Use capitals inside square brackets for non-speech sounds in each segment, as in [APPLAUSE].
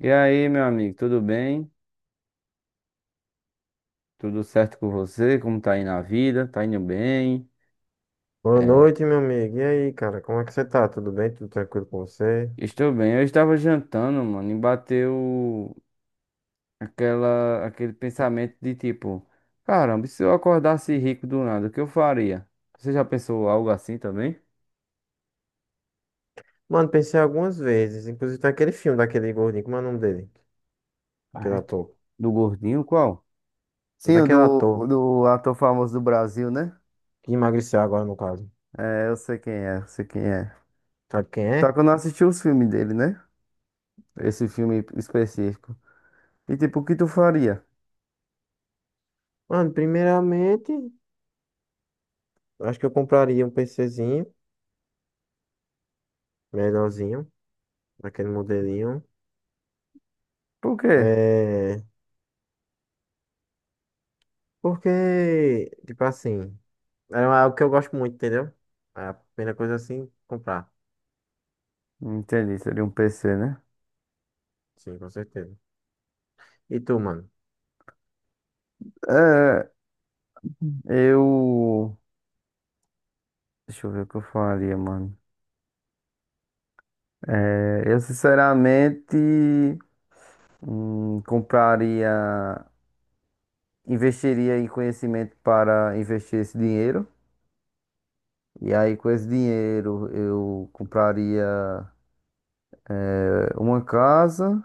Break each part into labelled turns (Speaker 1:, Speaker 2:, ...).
Speaker 1: E aí, meu amigo, tudo bem? Tudo certo com você? Como tá aí na vida? Tá indo bem?
Speaker 2: Boa
Speaker 1: É,
Speaker 2: noite, meu amigo. E aí, cara, como é que você tá? Tudo bem? Tudo tranquilo com você?
Speaker 1: estou bem. Eu estava jantando, mano, e bateu aquele pensamento de tipo, caramba, e se eu acordasse rico do nada, o que eu faria? Você já pensou algo assim também?
Speaker 2: Mano, pensei algumas vezes, inclusive tem aquele filme daquele gordinho, como é o nome dele?
Speaker 1: Ah,
Speaker 2: Aquele
Speaker 1: é tu-
Speaker 2: ator.
Speaker 1: Do gordinho, qual? Sim,
Speaker 2: Daquele
Speaker 1: o
Speaker 2: ator
Speaker 1: do ator famoso do Brasil, né?
Speaker 2: que emagreceu agora, no caso.
Speaker 1: É, eu sei quem é, eu sei quem é.
Speaker 2: Sabe quem
Speaker 1: Só
Speaker 2: é?
Speaker 1: que eu não assisti os filmes dele, né? Esse filme específico. E tipo, o que tu faria?
Speaker 2: Mano, primeiramente, acho que eu compraria um PCzinho, melhorzinho, daquele modelinho.
Speaker 1: Por quê?
Speaker 2: É... Porque, tipo assim, é algo que eu gosto muito, entendeu? É a primeira coisa assim, comprar.
Speaker 1: Entendi, seria um PC, né?
Speaker 2: Sim, com certeza. E tu, mano?
Speaker 1: É, eu. Deixa eu ver o que eu faria, mano. É, eu sinceramente compraria, investiria em conhecimento para investir esse dinheiro. E aí, com esse dinheiro, eu compraria é, uma casa.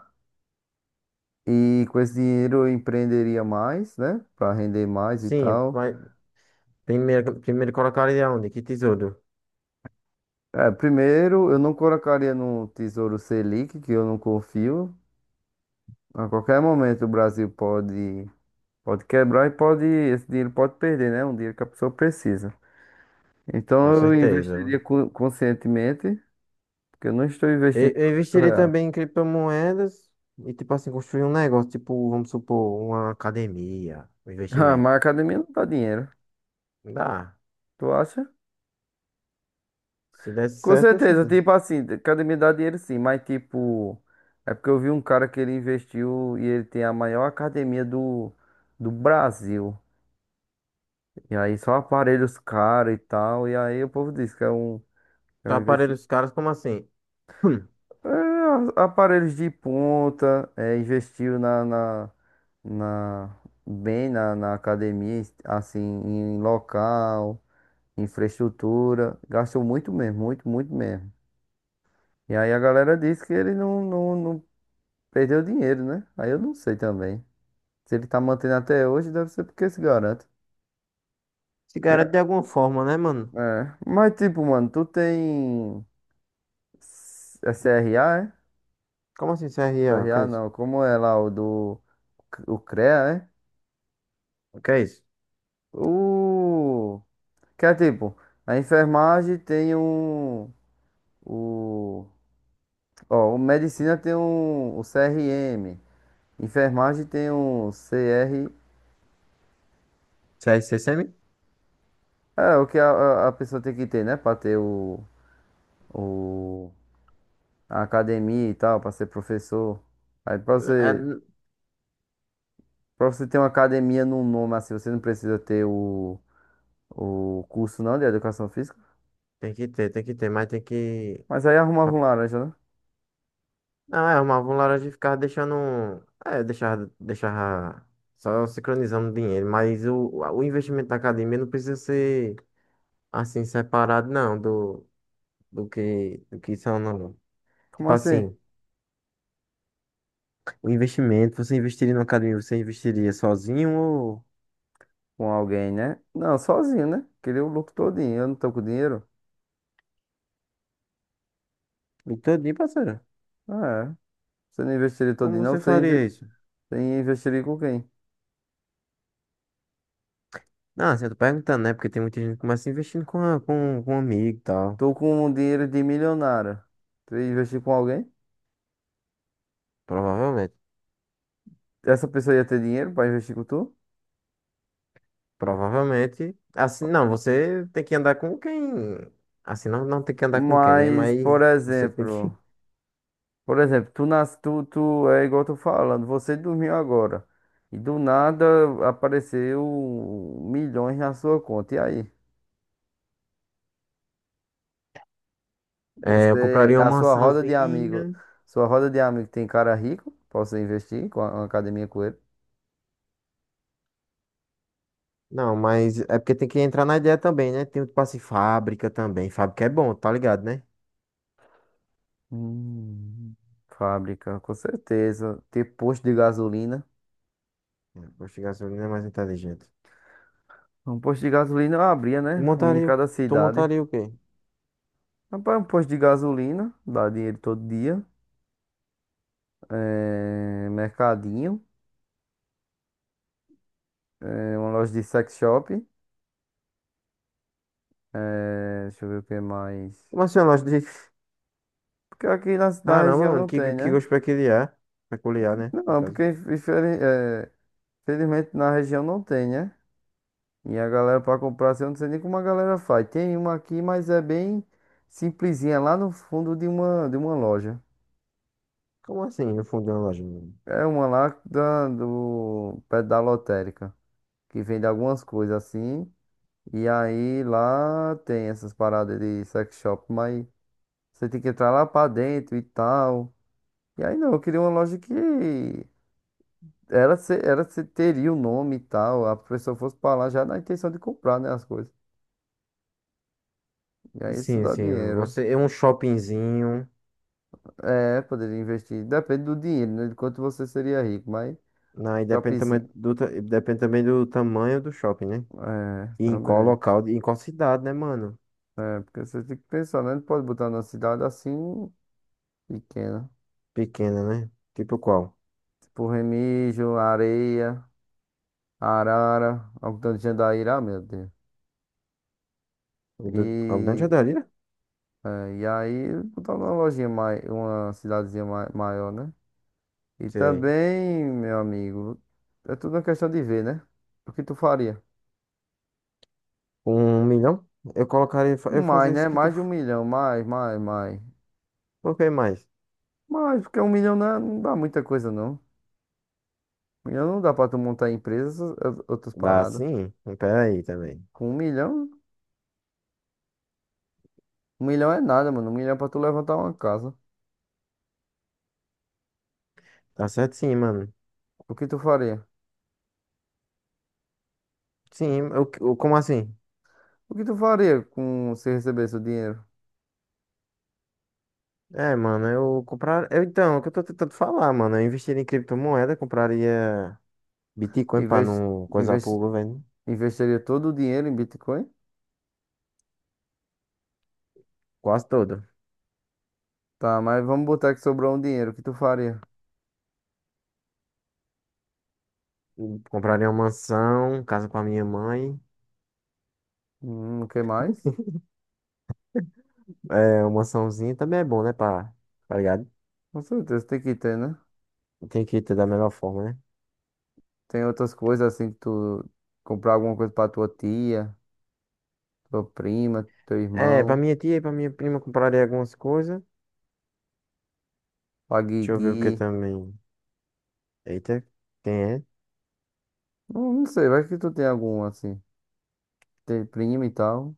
Speaker 1: E com esse dinheiro, eu empreenderia mais, né? Para render mais e
Speaker 2: Sim,
Speaker 1: tal.
Speaker 2: vai- primeiro colocaria onde? Que tesouro?
Speaker 1: É, primeiro, eu não colocaria no Tesouro Selic, que eu não confio. A qualquer momento o Brasil pode, pode quebrar e pode, esse dinheiro pode perder, né? Um dinheiro que a pessoa precisa. Então
Speaker 2: Com
Speaker 1: eu
Speaker 2: certeza.
Speaker 1: investiria co- conscientemente, porque eu não estou
Speaker 2: Eu,
Speaker 1: investindo
Speaker 2: eu
Speaker 1: 200
Speaker 2: investiria
Speaker 1: real. [LAUGHS]
Speaker 2: também em criptomoedas e, tipo assim, construir um negócio, tipo, vamos supor, uma academia, um
Speaker 1: Ah,
Speaker 2: investimento.
Speaker 1: mas a academia não dá dinheiro,
Speaker 2: Dá.
Speaker 1: tu acha?
Speaker 2: Se desse
Speaker 1: Com
Speaker 2: certo, eu.
Speaker 1: certeza, tipo assim, academia dá dinheiro sim, mas tipo, é porque eu vi um cara que ele investiu e ele tem a maior academia do, do Brasil. E aí só aparelhos caros e tal, e aí o povo diz que é
Speaker 2: Tá
Speaker 1: um
Speaker 2: aparelho
Speaker 1: investimento.
Speaker 2: os caras, como assim? [CLEARS THROAT] Hum.
Speaker 1: É, a- aparelhos de ponta, é, investiu na- bem na, na academia, assim, em local, infraestrutura, gastou muito mesmo, muito, muito mesmo. E aí a galera disse que ele não perdeu dinheiro, né? Aí eu não sei também. Se ele tá mantendo até hoje, deve ser porque se garante.
Speaker 2: Se
Speaker 1: E
Speaker 2: garante de
Speaker 1: a-
Speaker 2: alguma forma, né, mano?
Speaker 1: É, mas tipo, mano, tu tem S- é CRA, é?
Speaker 2: Como assim, CRA? O que
Speaker 1: CRA
Speaker 2: é isso?
Speaker 1: não, como é lá o do o CREA, é?
Speaker 2: O que é isso?
Speaker 1: O... Que é tipo, a enfermagem tem um... O... Ó, o medicina tem um... O CRM. Enfermagem tem um CR...
Speaker 2: CSCM?
Speaker 1: É, o que a pessoa tem que ter, né? Pra ter o... A academia e tal, pra ser professor. Aí pra
Speaker 2: É,
Speaker 1: você...
Speaker 2: n-
Speaker 1: Pra você ter uma academia num nome assim, você não precisa ter o... O curso não de educação física.
Speaker 2: Tem que ter, tem que ter, mas tem que.
Speaker 1: Mas aí arrumava um laranja, né?
Speaker 2: Não, é, arrumava um laranja e ficava deixando. É, deixava, só sincronizando dinheiro. O investimento da academia não precisa ser assim separado, não, do que são. Não.
Speaker 1: Como
Speaker 2: Tipo
Speaker 1: assim?
Speaker 2: assim, o investimento, você investiria na academia, você investiria sozinho ou
Speaker 1: Com alguém, né? Não, sozinho, né? Queria o lucro todinho. Eu não tô com dinheiro?
Speaker 2: e todinho, parceiro?
Speaker 1: Ah, é. Você não investiria
Speaker 2: Como
Speaker 1: todinho, não?
Speaker 2: você
Speaker 1: Você,
Speaker 2: faria
Speaker 1: inve...
Speaker 2: isso?
Speaker 1: você investiria com quem?
Speaker 2: Não, assim, eu tô perguntando, né? Porque tem muita gente que começa investindo com um amigo e tal.
Speaker 1: Tô com um dinheiro de milionário. Tu ia investir com alguém?
Speaker 2: Provavelmente.
Speaker 1: Essa pessoa ia ter dinheiro pra investir com tu?
Speaker 2: Provavelmente. Assim, não, você tem que andar com quem. Assim, não, não tem que andar com quem, né?
Speaker 1: Mas,
Speaker 2: Mas
Speaker 1: por
Speaker 2: você tem que.
Speaker 1: exemplo...
Speaker 2: [LAUGHS]
Speaker 1: Por exemplo, tu, nas... tu, tu... É igual eu tô falando. Você dormiu agora. E do nada apareceu milhões na sua conta. E aí?
Speaker 2: É, eu
Speaker 1: Você,
Speaker 2: compraria
Speaker 1: a
Speaker 2: uma
Speaker 1: sua roda de amigo,
Speaker 2: mansãozinha.
Speaker 1: sua roda de amigo tem cara rico? Posso investir com a, uma academia com ele?
Speaker 2: Não, mas é porque tem que entrar na ideia também, né? Tem o passe fábrica também. Fábrica é bom, tá ligado, né?
Speaker 1: Hum, fábrica, com certeza. Ter posto de gasolina.
Speaker 2: É, posto de gasolina é mais inteligente.
Speaker 1: Um posto de gasolina eu abria,
Speaker 2: Tu
Speaker 1: né? Um em
Speaker 2: montaria, o-
Speaker 1: cada
Speaker 2: Tu
Speaker 1: cidade.
Speaker 2: montaria o quê?
Speaker 1: Rapaz, um posto de gasolina, dá dinheiro todo dia. É, mercadinho. É, uma loja de sex shop. É, deixa eu ver o que mais.
Speaker 2: Como assim, uma loja de.
Speaker 1: Porque aqui na
Speaker 2: Caramba,
Speaker 1: região
Speaker 2: mano,
Speaker 1: não tem,
Speaker 2: que
Speaker 1: né?
Speaker 2: gosto peculiar. Peculiar, né? No
Speaker 1: Não,
Speaker 2: caso.
Speaker 1: porque infeliz- é, infelizmente na região não tem, né? E a galera pra comprar, assim, eu não sei nem como a galera faz. Tem uma aqui, mas é bem simplesinha, lá no fundo de uma loja.
Speaker 2: Como assim, no fundo de uma loja, mano?
Speaker 1: É uma lá da, do, perto da lotérica, que vende algumas coisas assim. E aí lá tem essas paradas de sex shop, mas você tem que entrar lá pra dentro e tal. E aí não, eu queria uma loja que era se teria o nome e tal. A pessoa fosse pra lá já na intenção de comprar, né, as coisas. E aí isso
Speaker 2: Sim,
Speaker 1: dá
Speaker 2: sim.
Speaker 1: dinheiro.
Speaker 2: Você, é um shoppingzinho.
Speaker 1: É, poderia investir. Depende do dinheiro, né? De quanto você seria rico, mas
Speaker 2: Não, e depende também
Speaker 1: shoppingzinho.
Speaker 2: depende também do tamanho do shopping, né?
Speaker 1: É,
Speaker 2: E em qual
Speaker 1: também.
Speaker 2: local, em qual cidade, né, mano?
Speaker 1: É, porque você tem que pensar, né? Não pode botar numa cidade assim pequena.
Speaker 2: Pequena, né? Tipo qual?
Speaker 1: Tipo Remígio, Areia, Arara, Algodão de Jandaíra, ah, meu Deus.
Speaker 2: O do, o Grande
Speaker 1: E,
Speaker 2: Adalira?
Speaker 1: é, e aí botar numa lojinha mais, uma cidadezinha ma- maior, né? E
Speaker 2: Sei.
Speaker 1: também, meu amigo, é tudo uma questão de ver, né? O que tu faria?
Speaker 2: 1 milhão?
Speaker 1: Com
Speaker 2: Eu
Speaker 1: mais,
Speaker 2: fazia isso
Speaker 1: né?
Speaker 2: que
Speaker 1: Mais de um milhão, mais, mais, mais.
Speaker 2: coloquei mais.
Speaker 1: Mas porque um milhão não é- não dá muita coisa, não. Um milhão não dá pra tu montar empresas, ou- outras
Speaker 2: Dá
Speaker 1: paradas.
Speaker 2: sim? Pera aí também.
Speaker 1: Com um milhão é nada, mano. Um milhão é pra tu levantar uma casa.
Speaker 2: Tá certo sim, mano.
Speaker 1: O que tu faria?
Speaker 2: Sim, como assim?
Speaker 1: O que tu faria com se recebesse o dinheiro?
Speaker 2: É, mano, eu comprar. Eu, então, é o que eu tô tentando falar, mano. Eu investiria em criptomoeda, compraria Bitcoin pra
Speaker 1: Inves-
Speaker 2: não coisar pro
Speaker 1: inves-
Speaker 2: governo.
Speaker 1: investiria todo o dinheiro em Bitcoin?
Speaker 2: Quase todo.
Speaker 1: Tá, mas vamos botar que sobrou um dinheiro. O que tu faria?
Speaker 2: Compraria uma mansão, casa com a minha mãe.
Speaker 1: O que mais?
Speaker 2: É, uma mansãozinha também é bom, né? Pra, tá ligado?
Speaker 1: Com certeza tem que ter, né?
Speaker 2: Tem que ter da melhor forma, né?
Speaker 1: Tem outras coisas assim que tu comprar alguma coisa pra tua tia, tua prima, teu
Speaker 2: É, pra
Speaker 1: irmão,
Speaker 2: minha tia e pra minha prima compraria algumas coisas.
Speaker 1: pra
Speaker 2: Deixa eu ver o que
Speaker 1: Guigui.
Speaker 2: também. Eita, quem é?
Speaker 1: Não, não sei, vai que tu tem algum assim. Tem primo e tal.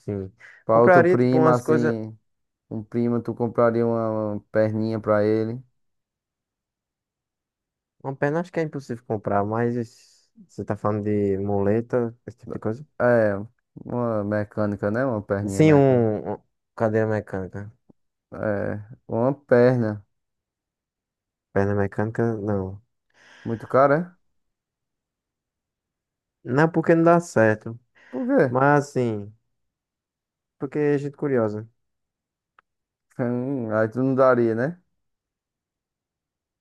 Speaker 2: Sim.
Speaker 1: Pra outro
Speaker 2: Compraria, tipo,
Speaker 1: primo,
Speaker 2: umas coisas.
Speaker 1: assim, um primo, tu compraria uma perninha pra ele.
Speaker 2: Uma perna acho que é impossível comprar, mas você tá falando de muleta, esse tipo de coisa?
Speaker 1: É, uma mecânica, né? Uma perninha
Speaker 2: Sim,
Speaker 1: mecânica.
Speaker 2: um cadeira mecânica.
Speaker 1: É, uma perna.
Speaker 2: Perna mecânica, não.
Speaker 1: Muito cara, é?
Speaker 2: Não é porque não dá certo.
Speaker 1: Por quê? [LAUGHS]
Speaker 2: Mas assim, porque é gente curiosa.
Speaker 1: Aí tu não daria, né?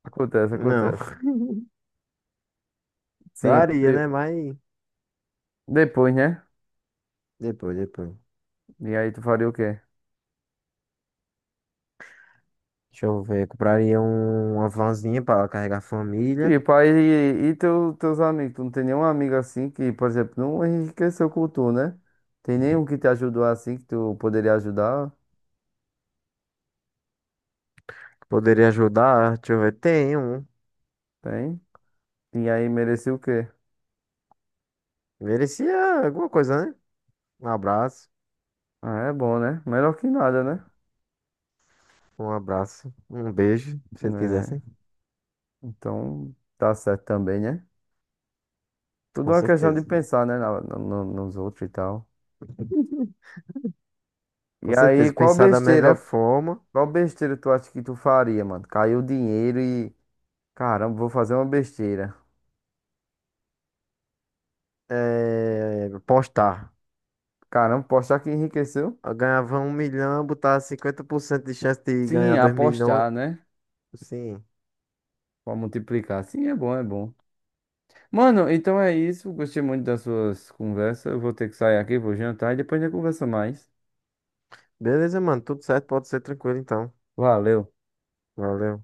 Speaker 1: Acontece,
Speaker 2: Não.
Speaker 1: acontece.
Speaker 2: [LAUGHS]
Speaker 1: Sim,
Speaker 2: Daria,
Speaker 1: eu
Speaker 2: né? Mas
Speaker 1: depois, né?
Speaker 2: depois, depois.
Speaker 1: E aí tu faria o quê?
Speaker 2: Deixa eu ver. Uma vanzinha para carregar a família.
Speaker 1: Tipo, aí, e teu, teus amigos? Tu não tem nenhum amigo assim que, por exemplo, não enriqueceu com tu, né? Tem nenhum que te ajudou assim que tu poderia ajudar?
Speaker 2: Que poderia ajudar. Deixa eu ver. Tem um.
Speaker 1: Tem? E aí merecia o quê?
Speaker 2: Merecia alguma coisa, né? Um abraço.
Speaker 1: Ah, é bom, né? Melhor que nada, né?
Speaker 2: Um abraço. Um beijo. Se eles
Speaker 1: Né?
Speaker 2: quisessem.
Speaker 1: Então, tá certo também, né? Tudo
Speaker 2: Com
Speaker 1: é uma questão de
Speaker 2: certeza.
Speaker 1: pensar, né? Nos outros e tal.
Speaker 2: Com
Speaker 1: E aí,
Speaker 2: certeza.
Speaker 1: qual
Speaker 2: Pensar da melhor
Speaker 1: besteira?
Speaker 2: forma.
Speaker 1: Qual besteira tu acha que tu faria, mano? Caiu o dinheiro e. Caramba, vou fazer uma besteira.
Speaker 2: Postar.
Speaker 1: Caramba, apostar que enriqueceu?
Speaker 2: Eu ganhava 1 milhão, botar 50% de chance de
Speaker 1: Sim,
Speaker 2: ganhar 2 milhões.
Speaker 1: apostar, né?
Speaker 2: Sim.
Speaker 1: Pra multiplicar. Sim, é bom, é bom. Mano, então é isso. Gostei muito das suas conversas. Eu vou ter que sair aqui, vou jantar e depois a gente conversa mais.
Speaker 2: Beleza, mano. Tudo certo. Pode ser tranquilo, então.
Speaker 1: Valeu.
Speaker 2: Valeu.